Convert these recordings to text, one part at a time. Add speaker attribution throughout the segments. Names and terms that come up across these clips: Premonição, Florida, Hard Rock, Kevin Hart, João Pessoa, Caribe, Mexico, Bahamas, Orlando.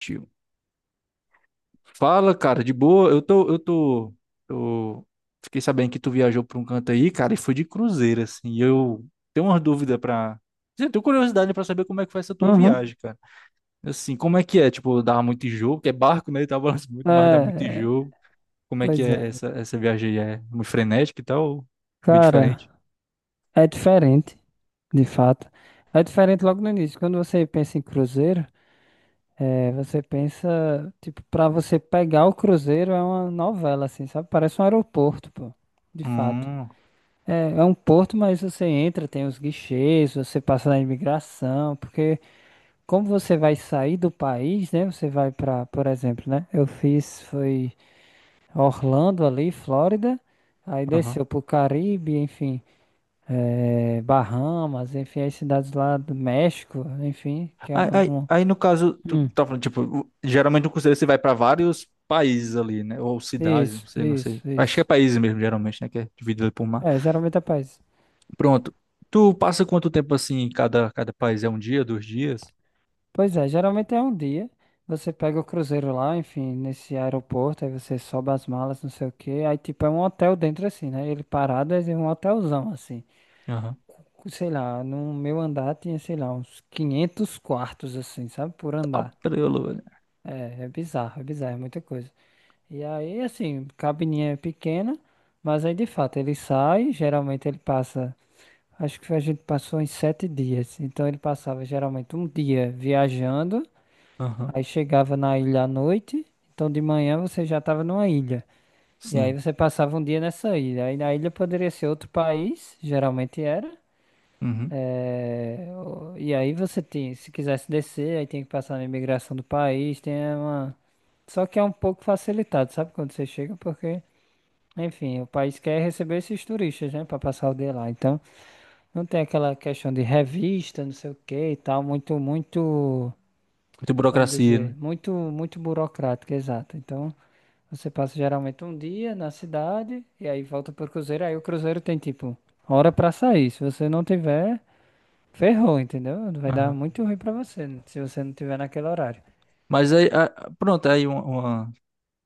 Speaker 1: Tio. Fala, cara, de boa. Eu tô. Fiquei sabendo que tu viajou pra um canto aí, cara, e foi de cruzeiro, assim. E eu tenho uma dúvida pra, assim, eu tenho curiosidade pra saber como é que foi essa tua
Speaker 2: Uhum.
Speaker 1: viagem, cara. Assim, como é que é? Tipo, dava muito enjoo, porque é barco, né? Tava balançando muito, mas dá muito
Speaker 2: É, é,
Speaker 1: enjoo. Como é que
Speaker 2: pois
Speaker 1: é essa,
Speaker 2: é.
Speaker 1: essa viagem aí? É muito frenética e tal? Ou bem
Speaker 2: Cara,
Speaker 1: diferente?
Speaker 2: é diferente, de fato. É diferente logo no início. Quando você pensa em cruzeiro, você pensa, tipo, pra você pegar o cruzeiro é uma novela, assim, sabe? Parece um aeroporto, pô. De fato.
Speaker 1: Hum.
Speaker 2: É, é um porto, mas você entra, tem os guichês, você passa na imigração, porque como você vai sair do país, né? Você vai pra, por exemplo, né? Eu fiz, foi. Orlando ali, Flórida, aí
Speaker 1: Aham.
Speaker 2: desceu pro Caribe, enfim, Bahamas, enfim, as cidades lá do México, enfim, que é
Speaker 1: Aí, aí,
Speaker 2: uma-
Speaker 1: aí, no caso, tu
Speaker 2: Hum,
Speaker 1: tá falando, tipo, geralmente no cruzeiro você vai para vários países ali, né? Ou cidades, não
Speaker 2: isso,
Speaker 1: sei, não sei.
Speaker 2: isso,
Speaker 1: Acho que é
Speaker 2: isso.
Speaker 1: países mesmo, geralmente, né? Que é dividido ali por mar.
Speaker 2: É, geralmente é país.
Speaker 1: Pronto. Tu passa quanto tempo assim em cada país? É um dia, 2 dias?
Speaker 2: Pois é, geralmente é um dia. Você pega o cruzeiro lá, enfim, nesse aeroporto, aí você sobe as malas, não sei o quê. Aí, tipo, é um hotel dentro, assim, né? Ele parado é um hotelzão, assim.
Speaker 1: Aham.
Speaker 2: Sei lá, no meu andar tinha, sei lá, uns 500 quartos, assim, sabe? Por
Speaker 1: Tá
Speaker 2: andar.
Speaker 1: prelo, velho.
Speaker 2: É bizarro, é bizarro, é muita coisa. E aí, assim, cabininha é pequena, mas aí de fato ele sai, geralmente ele passa, acho que a gente passou em 7 dias. Então ele passava geralmente um dia viajando,
Speaker 1: Aham.
Speaker 2: aí chegava na ilha à noite, então de manhã você já estava numa ilha. E aí
Speaker 1: Sim.
Speaker 2: você passava um dia nessa ilha. Aí na ilha poderia ser outro país, geralmente era.
Speaker 1: Uhum.
Speaker 2: É, o- e aí você tem, se quisesse descer, aí tem que passar na imigração do país, tem uma. Só que é um pouco facilitado, sabe, quando você chega, porque, enfim, o país quer receber esses turistas, né, pra passar o dia lá. Então, não tem aquela questão de revista, não sei o que e tal, muito, muito,
Speaker 1: Muita
Speaker 2: vamos
Speaker 1: burocracia,
Speaker 2: dizer,
Speaker 1: né?
Speaker 2: muito, muito burocrática, exato. Então, você passa geralmente um dia na cidade e aí volta pro cruzeiro, aí o cruzeiro tem tipo hora pra sair. Se você não tiver Ferrou, entendeu? Vai dar
Speaker 1: Aham.
Speaker 2: muito ruim pra você, né, se você não tiver naquele horário.
Speaker 1: Mas aí, pronto, aí uma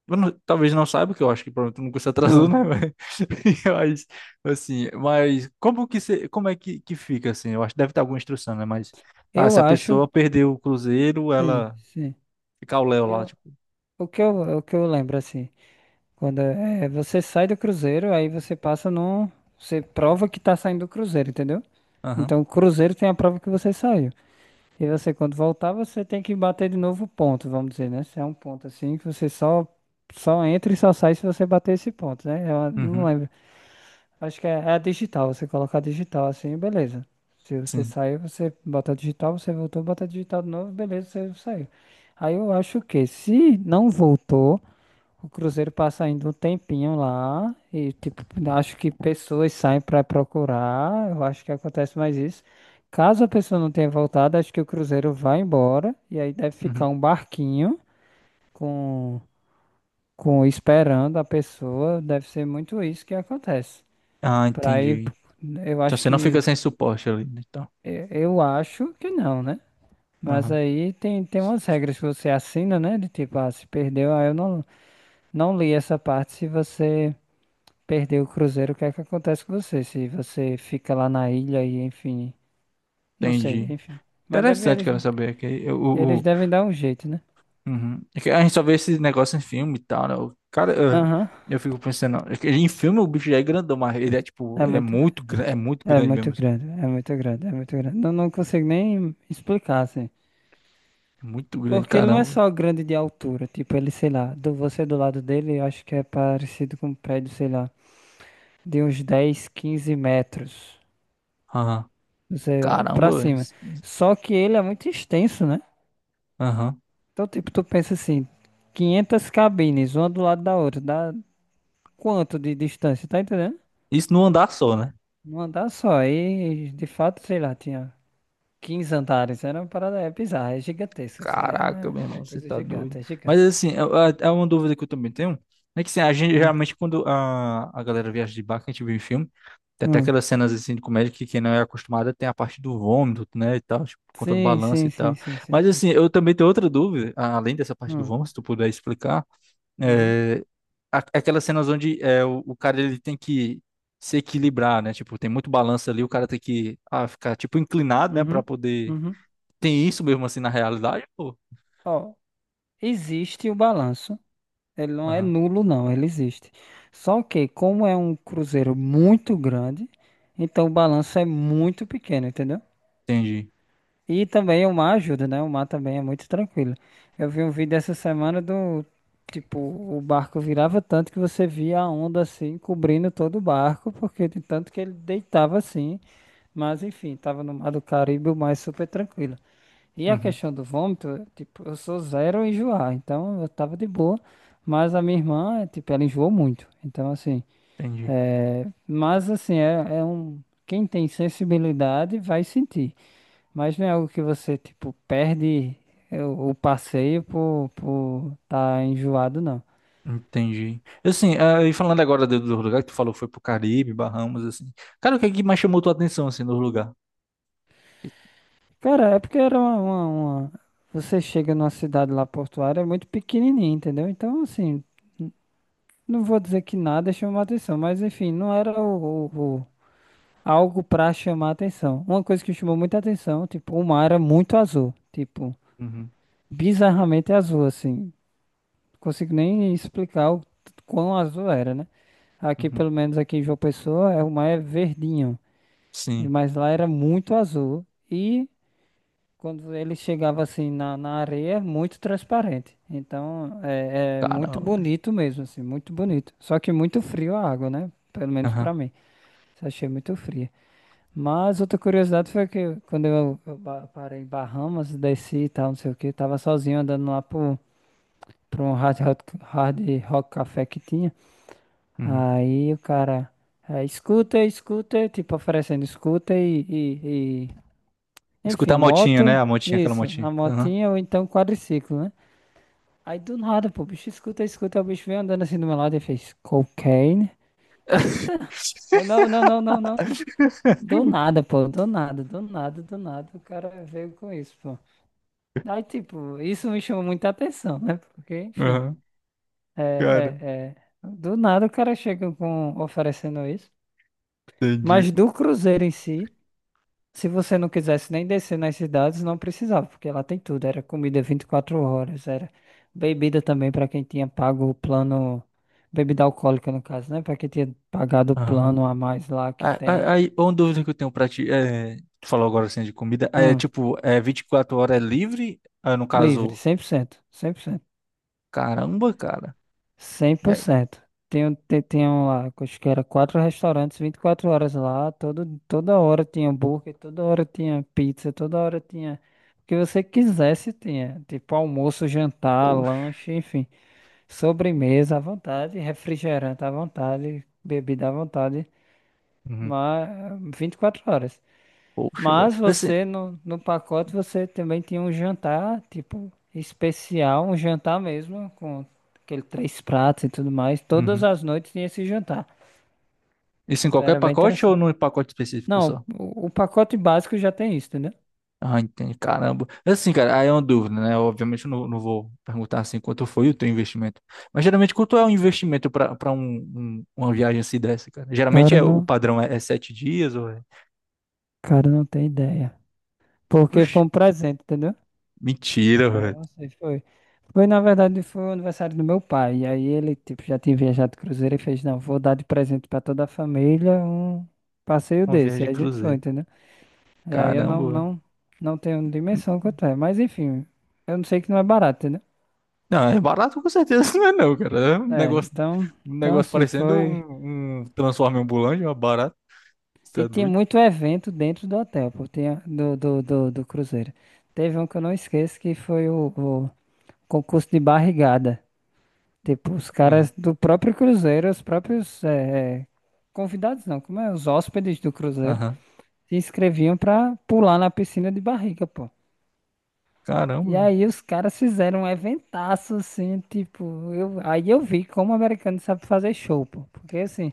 Speaker 1: eu não- talvez não saiba, que eu acho que pronto, nunca se atrasou,
Speaker 2: Ah,
Speaker 1: né? Mas, mas, assim, mas como que se, como é que fica, assim? Eu acho que deve ter alguma instrução, né? Mas, ah, se
Speaker 2: eu
Speaker 1: a
Speaker 2: acho,
Speaker 1: pessoa perdeu o cruzeiro,
Speaker 2: sim,
Speaker 1: ela
Speaker 2: sim.
Speaker 1: fica ao léu lá,
Speaker 2: Eu,
Speaker 1: tipo.
Speaker 2: o que eu lembro assim, quando é, você sai do cruzeiro, aí você passa num, você prova que tá saindo do cruzeiro, entendeu?
Speaker 1: Aham.
Speaker 2: Então o cruzeiro tem a prova que você saiu. E você quando voltar, você tem que bater de novo o ponto, vamos dizer, né? Se é um ponto assim que você só entra e só sai se você bater esse ponto, né? Eu não
Speaker 1: Uhum.
Speaker 2: lembro. Acho que é, é a digital, você colocar digital assim, beleza. Se você
Speaker 1: Sim.
Speaker 2: saiu, você bota digital, você voltou, bota digital de novo, beleza, você saiu. Aí eu acho que se não voltou, o Cruzeiro passa ainda um tempinho lá e tipo, acho que pessoas saem para procurar, eu acho que acontece mais isso. Caso a pessoa não tenha voltado, acho que o Cruzeiro vai embora e aí deve ficar
Speaker 1: Uhum.
Speaker 2: um barquinho com com esperando a pessoa, deve ser muito isso que acontece.
Speaker 1: Ah,
Speaker 2: Pra aí,
Speaker 1: entendi.
Speaker 2: eu
Speaker 1: Então
Speaker 2: acho
Speaker 1: você não fica
Speaker 2: que.
Speaker 1: sem suporte ali, né? Então,
Speaker 2: Eu acho que não, né? Mas
Speaker 1: aham,
Speaker 2: aí tem, tem umas regras que você assina, né? De tipo, ah, se perdeu, ah, eu não li essa parte. Se você perdeu o cruzeiro, o que é que acontece com você? Se você fica lá na ilha e, enfim. Não sei,
Speaker 1: entendi.
Speaker 2: enfim. Mas deve,
Speaker 1: Interessante,
Speaker 2: eles,
Speaker 1: quero saber, que eu,
Speaker 2: eles
Speaker 1: o.
Speaker 2: devem dar um jeito, né?
Speaker 1: Uhum. É que a gente só vê esse negócio em filme e tal, né? O cara, eu,
Speaker 2: Aham.
Speaker 1: eu fico pensando, é que em filme o bicho já é grandão, mas ele é tipo,
Speaker 2: É
Speaker 1: ele
Speaker 2: muito,
Speaker 1: é muito
Speaker 2: é
Speaker 1: grande mesmo.
Speaker 2: muito grande, é muito grande, é muito grande. Não, não consigo nem explicar, assim.
Speaker 1: É muito grande,
Speaker 2: Porque ele não é
Speaker 1: caramba.
Speaker 2: só grande de altura, tipo, ele, sei lá, do, você do lado dele, eu acho que é parecido com um prédio, sei lá, de uns 10 15 metros,
Speaker 1: Aham.
Speaker 2: não sei, pra
Speaker 1: Caramba, velho.
Speaker 2: cima. Só que ele é muito extenso, né?
Speaker 1: Aham.
Speaker 2: Então, tipo, tu pensa assim, 500 cabines, uma do lado da outra, dá quanto de distância, tá entendendo?
Speaker 1: Isso num andar só, né?
Speaker 2: Um andar só, aí, de fato, sei lá, tinha 15 andares, era uma parada, é bizarra, é gigantesca, assim,
Speaker 1: Caraca,
Speaker 2: é,
Speaker 1: meu
Speaker 2: é é
Speaker 1: irmão, você
Speaker 2: coisa
Speaker 1: tá doido.
Speaker 2: gigante, é gigante.
Speaker 1: Mas assim, é uma dúvida que eu também tenho. É que assim, a gente
Speaker 2: Hum.
Speaker 1: geralmente quando a galera viaja de barco, a gente vê em filme, tem até
Speaker 2: Hum.
Speaker 1: aquelas cenas assim de comédia que quem não é acostumado tem a parte do vômito, né, e tal, tipo, por conta do
Speaker 2: Sim,
Speaker 1: balanço
Speaker 2: sim,
Speaker 1: e
Speaker 2: sim,
Speaker 1: tal.
Speaker 2: sim, sim,
Speaker 1: Mas
Speaker 2: sim.
Speaker 1: assim, eu também tenho outra dúvida, além dessa parte do
Speaker 2: Hum.
Speaker 1: vômito, se tu puder explicar,
Speaker 2: Uhum,
Speaker 1: é, aquelas cenas onde é, o cara ele tem que se equilibrar, né? Tipo, tem muito balanço ali, o cara tem que ah, ficar tipo inclinado, né, pra
Speaker 2: uhum,
Speaker 1: poder.
Speaker 2: uhum.
Speaker 1: Tem isso mesmo assim na realidade?
Speaker 2: Ó, existe o balanço. Ele não é
Speaker 1: Aham,
Speaker 2: nulo, não, ele existe. Só que, como é um cruzeiro muito grande, então o balanço é muito pequeno, entendeu?
Speaker 1: entendi.
Speaker 2: E também o mar ajuda, né? O mar também é muito tranquilo. Eu vi um vídeo essa semana do tipo, o barco virava tanto que você via a onda assim cobrindo todo o barco, porque de tanto que ele deitava assim. Mas enfim, tava no mar do Caribe, o mar é super tranquilo. E a
Speaker 1: Uhum,
Speaker 2: questão do vômito, tipo, eu sou zero a enjoar, então eu tava de boa. Mas a minha irmã, tipo, ela enjoou muito. Então, assim,
Speaker 1: entendi.
Speaker 2: é... mas assim, é um. Quem tem sensibilidade vai sentir. Mas não é algo que você, tipo, perde o passeio por tá enjoado, não.
Speaker 1: Entendi. Assim, ah, e falando agora do lugar que tu falou que foi pro Caribe, Bahamas, assim. Cara, o que é que mais chamou tua atenção, assim, no lugar?
Speaker 2: Cara, é porque era uma- Você chega numa cidade lá portuária, é muito pequenininha, entendeu? Então, assim, n- não vou dizer que nada chamou a atenção, mas enfim, não era o- o- algo pra chamar atenção. Uma coisa que chamou muita atenção, tipo, o mar era muito azul, tipo,
Speaker 1: Uhum,
Speaker 2: bizarramente azul, assim. Não consigo nem explicar o quão azul era, né? Aqui,
Speaker 1: uhum.
Speaker 2: pelo menos aqui em João Pessoa, é, o mar é verdinho,
Speaker 1: Sim.
Speaker 2: mas lá era muito azul e quando ele chegava assim na areia, muito transparente. Então, é muito
Speaker 1: Caramba.
Speaker 2: bonito mesmo, assim, muito bonito. Só que muito frio a água, né? Pelo menos
Speaker 1: Aham.
Speaker 2: pra mim. Achei muito fria. Mas outra curiosidade foi que quando parei em Bahamas, desci e tal, não sei o que, tava sozinho andando lá pro, um hard rock café que tinha.
Speaker 1: Uhum.
Speaker 2: Aí o cara, escuta, escuta, tipo oferecendo escuta
Speaker 1: Escutar
Speaker 2: enfim,
Speaker 1: a motinha, né?
Speaker 2: moto,
Speaker 1: A motinha, aquela
Speaker 2: isso,
Speaker 1: motinha.
Speaker 2: a
Speaker 1: Aham.
Speaker 2: motinha ou então quadriciclo, né? Aí do nada, pô, o bicho escuta, escuta, o bicho vem andando assim do meu lado e fez cocaine. Eu, eita, eu não, não, não, não, não. Do nada, pô, do nada, do nada, do nada, o cara veio com isso, pô. Aí, tipo, isso me chamou muita atenção, né? Porque, enfim,
Speaker 1: Aham.
Speaker 2: é,
Speaker 1: Cara.
Speaker 2: é, é, do nada o cara chega com oferecendo isso.
Speaker 1: Entendi.
Speaker 2: Mas do Cruzeiro em si, se você não quisesse nem descer nas cidades, não precisava, porque lá tem tudo, era comida 24 horas, era bebida também para quem tinha pago o plano, bebida alcoólica no caso, né? Para quem tinha pagado o
Speaker 1: Aham.
Speaker 2: plano a mais lá que
Speaker 1: Ah,
Speaker 2: tem.
Speaker 1: ah, aí, uma dúvida que eu tenho pra ti, é, tu falou agora assim de comida, aí é
Speaker 2: Hum,
Speaker 1: tipo, é 24 horas é livre? Ah, no
Speaker 2: livre,
Speaker 1: caso,
Speaker 2: 100%. 100%.
Speaker 1: caramba, cara. E aí?
Speaker 2: 100%. Tenho, tenho lá, acho que era quatro restaurantes, 24 horas lá, todo, toda hora tinha hambúrguer, toda hora tinha pizza, toda hora tinha o que você quisesse, tinha. Tipo almoço, jantar,
Speaker 1: Poxa.
Speaker 2: lanche, enfim, sobremesa à vontade, refrigerante à vontade, bebida à vontade,
Speaker 1: Uhum.
Speaker 2: mas 24 horas.
Speaker 1: Poxa, velho.
Speaker 2: Mas
Speaker 1: Assim,
Speaker 2: você, no pacote, você também tinha um jantar, tipo, especial, um jantar mesmo, com aquele três pratos e tudo mais. Todas
Speaker 1: uhum.
Speaker 2: as noites tinha esse jantar.
Speaker 1: Isso em
Speaker 2: Então
Speaker 1: qualquer
Speaker 2: era bem
Speaker 1: pacote ou
Speaker 2: interessante.
Speaker 1: num pacote específico
Speaker 2: Não,
Speaker 1: só?
Speaker 2: o pacote básico já tem isso, entendeu?
Speaker 1: Ah, entendi, caramba. Assim, cara, aí é uma dúvida, né? Obviamente eu não, não vou perguntar assim quanto foi o teu investimento. Mas geralmente quanto é o investimento pra para um, uma viagem assim dessa, cara? Geralmente é,
Speaker 2: Cara,
Speaker 1: o
Speaker 2: não,
Speaker 1: padrão é, é 7 dias ou é.
Speaker 2: cara, não tem ideia. Porque
Speaker 1: Oxe,
Speaker 2: foi um presente, entendeu? É, eu
Speaker 1: mentira.
Speaker 2: não sei, foi. Foi, na verdade, foi o aniversário do meu pai. E aí ele, tipo, já tinha viajado de cruzeiro e fez, não, vou dar de presente pra toda a família um passeio
Speaker 1: Uma viagem
Speaker 2: desse.
Speaker 1: de
Speaker 2: E a gente foi,
Speaker 1: cruzeiro.
Speaker 2: entendeu? E aí eu
Speaker 1: Caramba, velho.
Speaker 2: não tenho dimensão quanto é. Mas enfim, eu não sei que não é barato, entendeu?
Speaker 1: Não, é barato com certeza, não é não, cara. É
Speaker 2: É, então,
Speaker 1: um
Speaker 2: então
Speaker 1: negócio
Speaker 2: assim,
Speaker 1: parecendo
Speaker 2: foi.
Speaker 1: um transforme ambulante, mas barato. Você
Speaker 2: E
Speaker 1: é
Speaker 2: tinha
Speaker 1: doido?
Speaker 2: muito evento dentro do hotel, pô, tinha do cruzeiro. Teve um que eu não esqueço que foi o concurso de barrigada. Tipo, os caras
Speaker 1: Aham,
Speaker 2: do próprio cruzeiro, os próprios convidados não, como é? Os hóspedes do cruzeiro
Speaker 1: aham.
Speaker 2: se inscreviam pra pular na piscina de barriga, pô.
Speaker 1: Caramba,
Speaker 2: E
Speaker 1: velho.
Speaker 2: aí os caras fizeram um eventaço, assim, tipo, eu, aí eu vi como o americano sabe fazer show, pô. Porque, assim,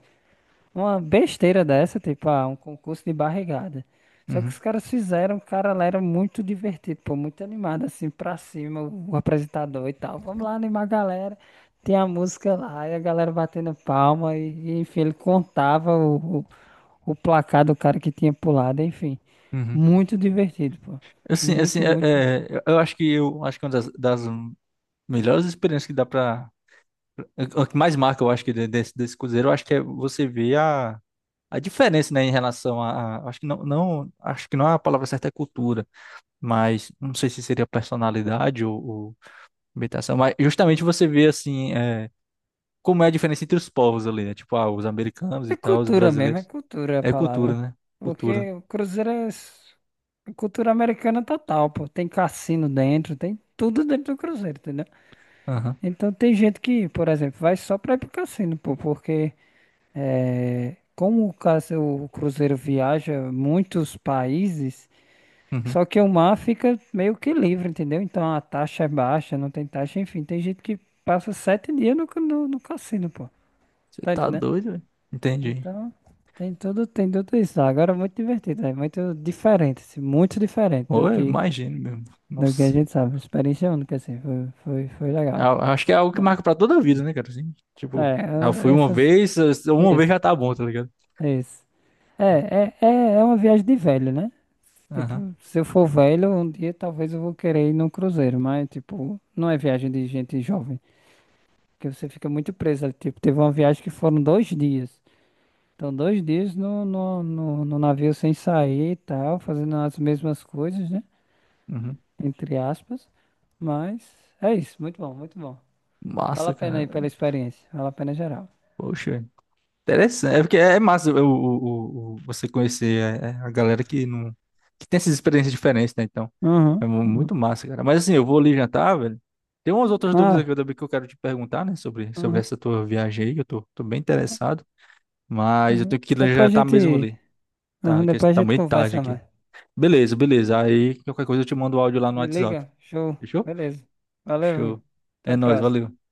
Speaker 2: uma besteira dessa, tipo, ah, um concurso de barrigada. Só que os
Speaker 1: Uhum,
Speaker 2: caras fizeram, cara, lá era muito divertido, pô, muito animado, assim, pra cima, o apresentador e tal. Vamos lá animar a galera. Tem a música lá, e a galera batendo palma, enfim, ele contava o placar do cara que tinha pulado, enfim.
Speaker 1: uhum.
Speaker 2: Muito divertido, pô.
Speaker 1: Assim,
Speaker 2: Muito, muito.
Speaker 1: eu acho que é uma das melhores experiências que dá pra. O que mais marca, eu acho que desse cruzeiro, eu acho que é você ver a diferença, né, em relação a, acho que não, não, acho que não é a palavra certa, é cultura, mas não sei se seria personalidade ou, habitação. Mas justamente você vê assim, é, como é a diferença entre os povos ali, né? Tipo, ah, os americanos e
Speaker 2: É
Speaker 1: tal, os
Speaker 2: cultura mesmo, é
Speaker 1: brasileiros.
Speaker 2: cultura a
Speaker 1: É cultura,
Speaker 2: palavra.
Speaker 1: né? Cultura.
Speaker 2: Porque o Cruzeiro é cultura americana é total, pô. Tem cassino dentro, tem tudo dentro do Cruzeiro, entendeu?
Speaker 1: Aham.
Speaker 2: Então tem gente que, por exemplo, vai só pra ir pro cassino, pô, porque é, como o Cruzeiro viaja muitos países,
Speaker 1: Uhum.
Speaker 2: só que o mar fica meio que livre, entendeu? Então a taxa é baixa, não tem taxa, enfim, tem gente que passa 7 dias no cassino, pô.
Speaker 1: Você
Speaker 2: Tá
Speaker 1: tá
Speaker 2: entendendo?
Speaker 1: doido, velho? Entendi.
Speaker 2: Então, tem tudo isso. Agora é muito divertido, é muito diferente, assim, muito diferente
Speaker 1: Ou eu imagino mesmo.
Speaker 2: do que a
Speaker 1: Nossa.
Speaker 2: gente sabe. Experiência única, assim, foi, foi, foi legal.
Speaker 1: Acho que é algo que
Speaker 2: É,
Speaker 1: marca pra toda a vida, né, cara? Assim, tipo, ah, eu
Speaker 2: é,
Speaker 1: fui
Speaker 2: é é, faz-
Speaker 1: uma vez já
Speaker 2: isso,
Speaker 1: tá bom, tá ligado?
Speaker 2: isso. É uma viagem de velho, né?
Speaker 1: Aham.
Speaker 2: Tipo, se eu for velho, um dia talvez eu vou querer ir num cruzeiro, mas, tipo, não é viagem de gente jovem, porque você fica muito preso ali. Tipo, teve uma viagem que foram 2 dias. Então, 2 dias no navio sem sair e tal, fazendo as mesmas coisas, né?
Speaker 1: Uhum.
Speaker 2: Entre aspas. Mas é isso, muito bom, muito bom. Vale
Speaker 1: Massa,
Speaker 2: a pena
Speaker 1: cara.
Speaker 2: aí pela experiência, vale a pena geral.
Speaker 1: Poxa. Interessante, é porque é massa você conhecer a galera que não que tem essas experiências diferentes, né? Então, é
Speaker 2: Uhum, uhum.
Speaker 1: muito massa, cara. Mas assim, eu vou ali jantar, velho. Tem umas outras dúvidas
Speaker 2: Ah,
Speaker 1: aqui também que eu quero te perguntar, né? Sobre
Speaker 2: uhum,
Speaker 1: essa tua viagem aí, que eu tô, bem interessado. Mas eu
Speaker 2: uhum.
Speaker 1: tenho que ir lá
Speaker 2: Depois a
Speaker 1: jantar mesmo
Speaker 2: gente,
Speaker 1: ali,
Speaker 2: uhum,
Speaker 1: tá? Que
Speaker 2: depois a
Speaker 1: tá
Speaker 2: gente
Speaker 1: meio tarde
Speaker 2: conversa
Speaker 1: aqui.
Speaker 2: mais.
Speaker 1: Beleza, beleza. Aí qualquer coisa eu te mando o áudio lá no
Speaker 2: Me
Speaker 1: WhatsApp.
Speaker 2: liga, show,
Speaker 1: Fechou?
Speaker 2: beleza. Valeu,
Speaker 1: Show.
Speaker 2: amigo. Até
Speaker 1: É
Speaker 2: a
Speaker 1: nóis,
Speaker 2: próxima.
Speaker 1: valeu.